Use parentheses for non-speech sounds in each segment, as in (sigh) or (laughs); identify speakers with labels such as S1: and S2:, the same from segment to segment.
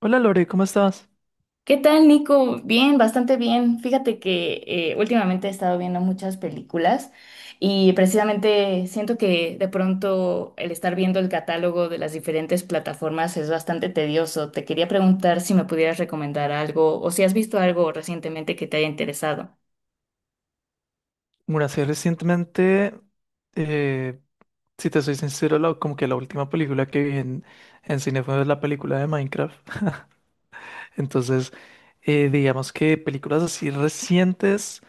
S1: Hola Lore, ¿cómo estás?
S2: ¿Qué tal, Nico? Bien, bastante bien. Fíjate que últimamente he estado viendo muchas películas y precisamente siento que de pronto el estar viendo el catálogo de las diferentes plataformas es bastante tedioso. Te quería preguntar si me pudieras recomendar algo o si has visto algo recientemente que te haya interesado.
S1: Bueno, sí, recientemente, eh, si te soy sincero, como que la última película que vi en cine fue la película de Minecraft. Entonces, digamos que películas así recientes,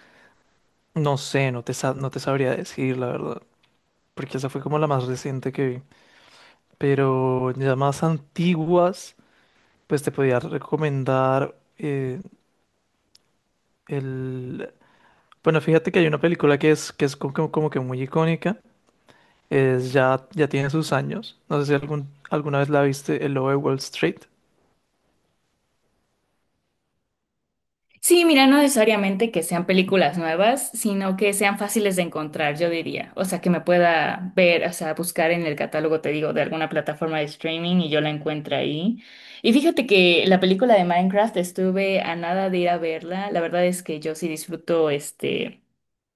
S1: no sé, no te sabría decir, la verdad, porque esa fue como la más reciente que vi. Pero ya más antiguas, pues te podía recomendar el... Bueno, fíjate que hay una película que es como que muy icónica. Es ya, ya tiene sus años. No sé si alguna vez la viste, El Lobo de Wall Street.
S2: Sí, mira, no necesariamente que sean películas nuevas, sino que sean fáciles de encontrar, yo diría. O sea, que me pueda ver, o sea, buscar en el catálogo, te digo, de alguna plataforma de streaming y yo la encuentro ahí. Y fíjate que la película de Minecraft estuve a nada de ir a verla. La verdad es que yo sí disfruto este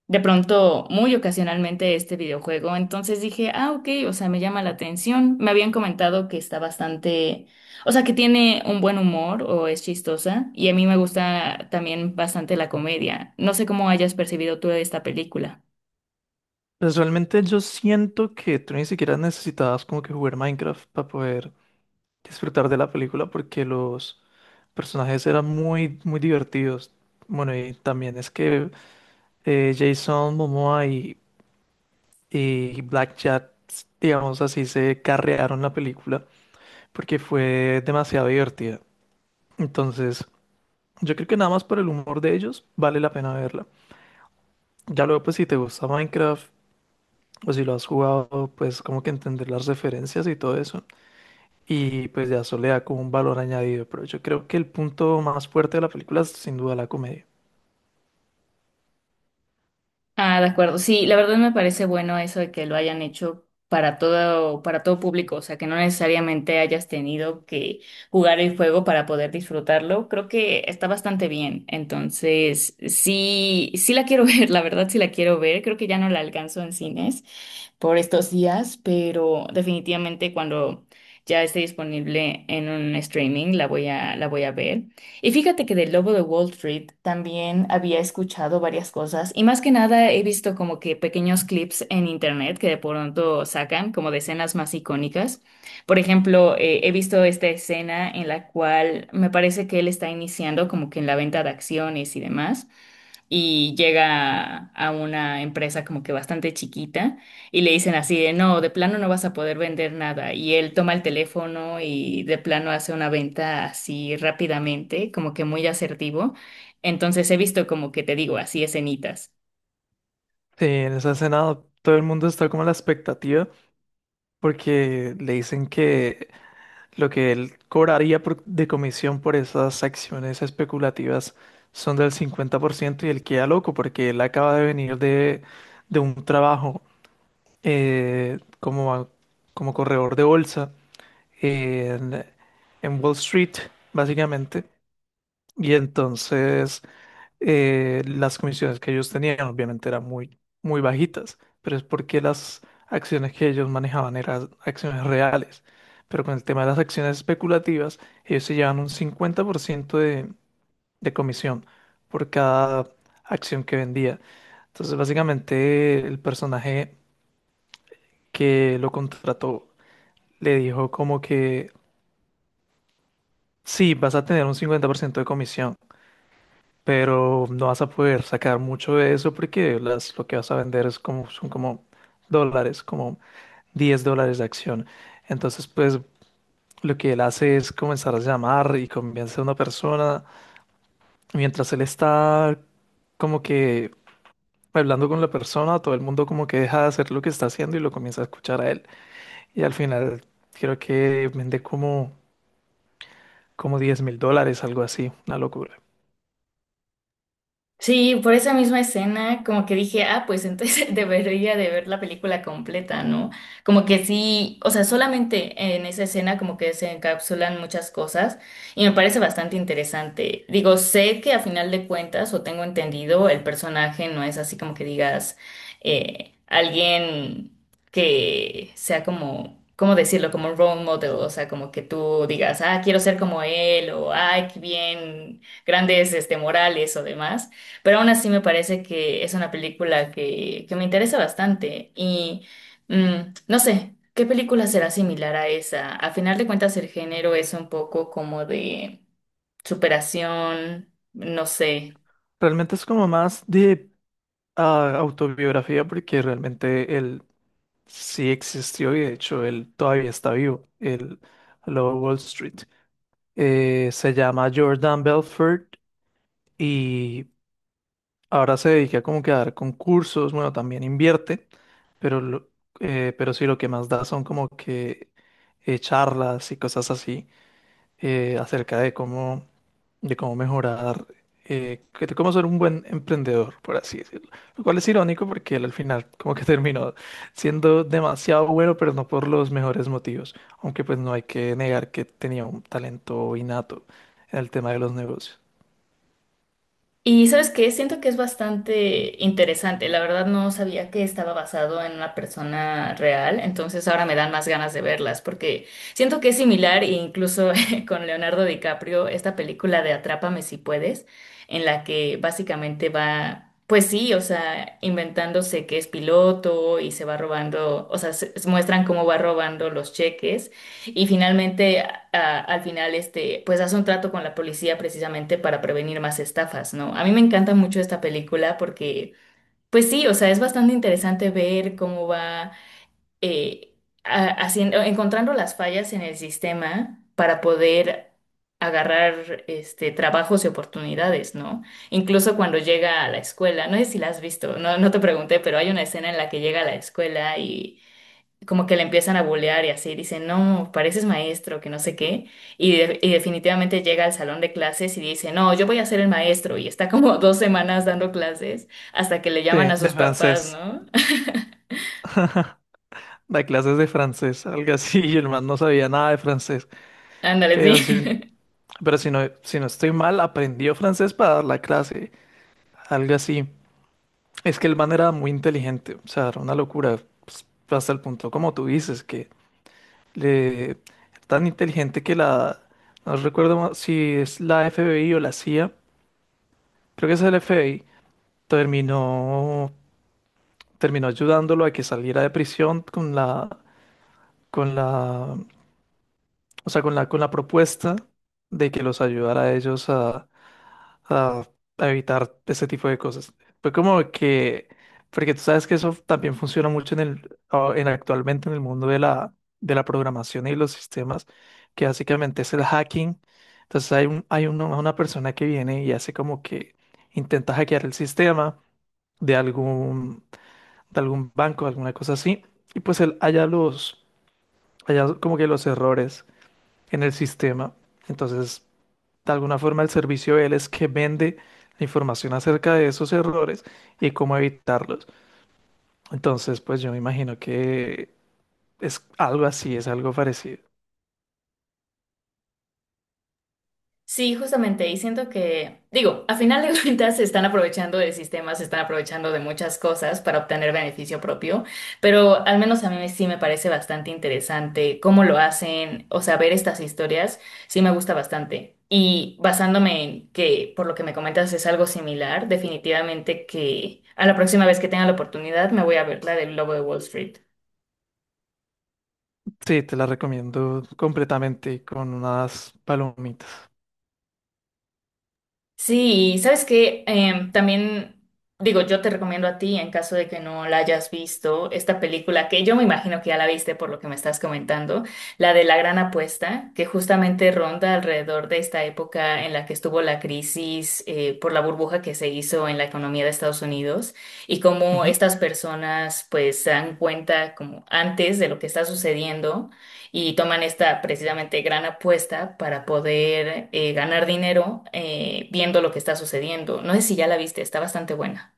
S2: de pronto muy ocasionalmente este videojuego. Entonces dije, ah, ok, o sea, me llama la atención. Me habían comentado que está bastante, o sea, que tiene un buen humor o es chistosa. Y a mí me gusta también bastante la comedia. No sé cómo hayas percibido tú esta película.
S1: Pues realmente yo siento que tú ni siquiera necesitabas como que jugar Minecraft para poder disfrutar de la película porque los personajes eran muy, muy divertidos. Bueno, y también es que Jason Momoa y Black Jack, digamos así, se carrearon la película porque fue demasiado divertida. Entonces, yo creo que nada más por el humor de ellos vale la pena verla. Ya luego, pues si te gusta Minecraft o si lo has jugado, pues como que entender las referencias y todo eso. Y pues ya eso le da como un valor añadido. Pero yo creo que el punto más fuerte de la película es sin duda la comedia.
S2: Ah, de acuerdo. Sí, la verdad me parece bueno eso de que lo hayan hecho para todo público, o sea, que no necesariamente hayas tenido que jugar el juego para poder disfrutarlo. Creo que está bastante bien. Entonces, sí, sí la quiero (laughs) ver, la verdad sí la quiero ver. Creo que ya no la alcanzo en cines por estos días, pero definitivamente cuando ya esté disponible en un streaming la voy a ver. Y fíjate que del Lobo de Wall Street también había escuchado varias cosas y más que nada he visto como que pequeños clips en internet que de pronto sacan como de escenas más icónicas. Por ejemplo, he visto esta escena en la cual me parece que él está iniciando como que en la venta de acciones y demás y llega a una empresa como que bastante chiquita y le dicen así de, no, de plano no vas a poder vender nada. Y él toma el teléfono y de plano hace una venta así rápidamente, como que muy asertivo. Entonces he visto como que te digo, así escenitas.
S1: Sí, en esa escena todo el mundo está como a la expectativa porque le dicen que lo que él cobraría de comisión por esas acciones especulativas son del 50% y él queda loco porque él acaba de venir de un trabajo eh, como, como corredor de bolsa en, en Wall Street, básicamente. Y entonces las comisiones que ellos tenían obviamente eran muy, muy bajitas, pero es porque las acciones que ellos manejaban eran acciones reales. Pero con el tema de las acciones especulativas, ellos se llevan un 50% de comisión por cada acción que vendía. Entonces, básicamente, el personaje que lo contrató le dijo como que sí, vas a tener un 50% de comisión, pero no vas a poder sacar mucho de eso porque lo que vas a vender es como, son como dólares, como $10 de acción. Entonces, pues lo que él hace es comenzar a llamar y convence a una persona. Mientras él está como que hablando con la persona, todo el mundo como que deja de hacer lo que está haciendo y lo comienza a escuchar a él. Y al final creo que vende como $10,000, algo así, una locura.
S2: Sí, por esa misma escena, como que dije, ah, pues entonces (laughs) debería de ver la película completa, ¿no? Como que sí, o sea, solamente en esa escena como que se encapsulan muchas cosas y me parece bastante interesante. Digo, sé que a final de cuentas, o tengo entendido, el personaje no es así como que digas alguien que sea como, ¿cómo decirlo? Como un role model, o sea, como que tú digas, ah, quiero ser como él, o ay, qué bien, grandes este, morales o demás pero aún así me parece que es una película que me interesa bastante. Y no sé, ¿qué película será similar a esa? A final de cuentas, el género es un poco como de superación, no sé.
S1: Realmente es como más de autobiografía porque realmente él sí existió y de hecho él todavía está vivo, el Lobo de Wall Street. Se llama Jordan Belfort y ahora se dedica como que a dar concursos, bueno, también invierte, pero, lo- pero sí lo que más da son como que charlas y cosas así. Acerca de cómo mejorar, de cómo ser un buen emprendedor, por así decirlo. Lo cual es irónico porque él al final como que (laughs) terminó siendo demasiado bueno, pero no por los mejores motivos. Aunque pues no hay que negar que tenía un talento innato en el tema de los negocios.
S2: Y sabes qué, siento que es bastante interesante. La verdad no sabía que estaba basado en una persona real, entonces ahora me dan más ganas de verlas porque siento que es similar e incluso (laughs) con Leonardo DiCaprio, esta película de Atrápame si puedes, en la que básicamente va, pues sí, o sea, inventándose que es piloto y se va robando, o sea, muestran cómo va robando los cheques y finalmente, al final, este, pues hace un trato con la policía precisamente para prevenir más estafas, ¿no? A mí me encanta mucho esta película porque, pues sí, o sea, es bastante interesante ver cómo va eh, haciendo, encontrando las fallas en el sistema para poder agarrar este, trabajos y oportunidades, ¿no? Incluso cuando llega a la escuela, no sé si la has visto, no, no te pregunté, pero hay una escena en la que llega a la escuela y como que le empiezan a bulear y así, dicen, no, pareces maestro, que no sé qué, y definitivamente llega al salón de clases y dice, no, yo voy a ser el maestro, y está como (laughs) dos semanas dando clases hasta que le llaman
S1: Sí,
S2: a
S1: de
S2: sus
S1: francés.
S2: papás, ¿no?
S1: Da clases de francés, algo así, y el man no sabía nada de francés.
S2: (laughs) Ándale,
S1: Pero si,
S2: sí.
S1: pero si no estoy mal, aprendió francés para dar la clase, algo así. Es que el man era muy inteligente, o sea, era una locura, pues, hasta el punto, como tú dices, que le tan inteligente que no recuerdo si es la FBI o la CIA, creo que es el FBI, terminó, terminó ayudándolo a que saliera de prisión con con la, o sea, con la propuesta de que los ayudara a ellos a, a evitar ese tipo de cosas. Fue como que, porque tú sabes que eso también funciona mucho en en actualmente en el mundo de la programación y los sistemas, que básicamente es el hacking. Entonces hay una persona que viene y hace como que intenta hackear el sistema de algún, de algún banco, alguna cosa así, y pues él halla como que los errores en el sistema. Entonces de alguna forma, el servicio de él es que vende la información acerca de esos errores y cómo evitarlos. Entonces, pues yo me imagino que es algo parecido.
S2: Sí, justamente, y siento que, digo, a final de (laughs) cuentas se están aprovechando de sistemas, se están aprovechando de muchas cosas para obtener beneficio propio, pero al menos a mí sí me parece bastante interesante cómo lo hacen, o sea, ver estas historias sí me gusta bastante. Y basándome en que por lo que me comentas es algo similar, definitivamente que a la próxima vez que tenga la oportunidad me voy a ver la del Lobo de Wall Street.
S1: Sí, te la recomiendo completamente y con unas palomitas.
S2: Sí, y sabes que también digo, yo te recomiendo a ti, en caso de que no la hayas visto, esta película que yo me imagino que ya la viste por lo que me estás comentando, la de La Gran Apuesta, que justamente ronda alrededor de esta época en la que estuvo la crisis por la burbuja que se hizo en la economía de Estados Unidos y cómo
S1: Ujú.
S2: estas personas pues se dan cuenta como antes de lo que está sucediendo y toman esta precisamente gran apuesta para poder ganar dinero viendo lo que está sucediendo. No sé si ya la viste, está bastante buena.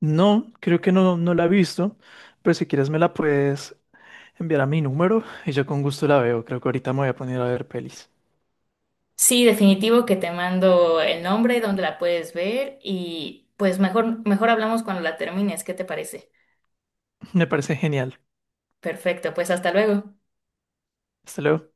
S1: No, creo que no, no la he visto, pero si quieres me la puedes enviar a mi número y yo con gusto la veo. Creo que ahorita me voy a poner a ver pelis.
S2: Sí, definitivo que te mando el nombre, dónde la puedes ver y pues mejor hablamos cuando la termines, ¿qué te parece?
S1: Me parece genial.
S2: Perfecto, pues hasta luego.
S1: Hasta luego.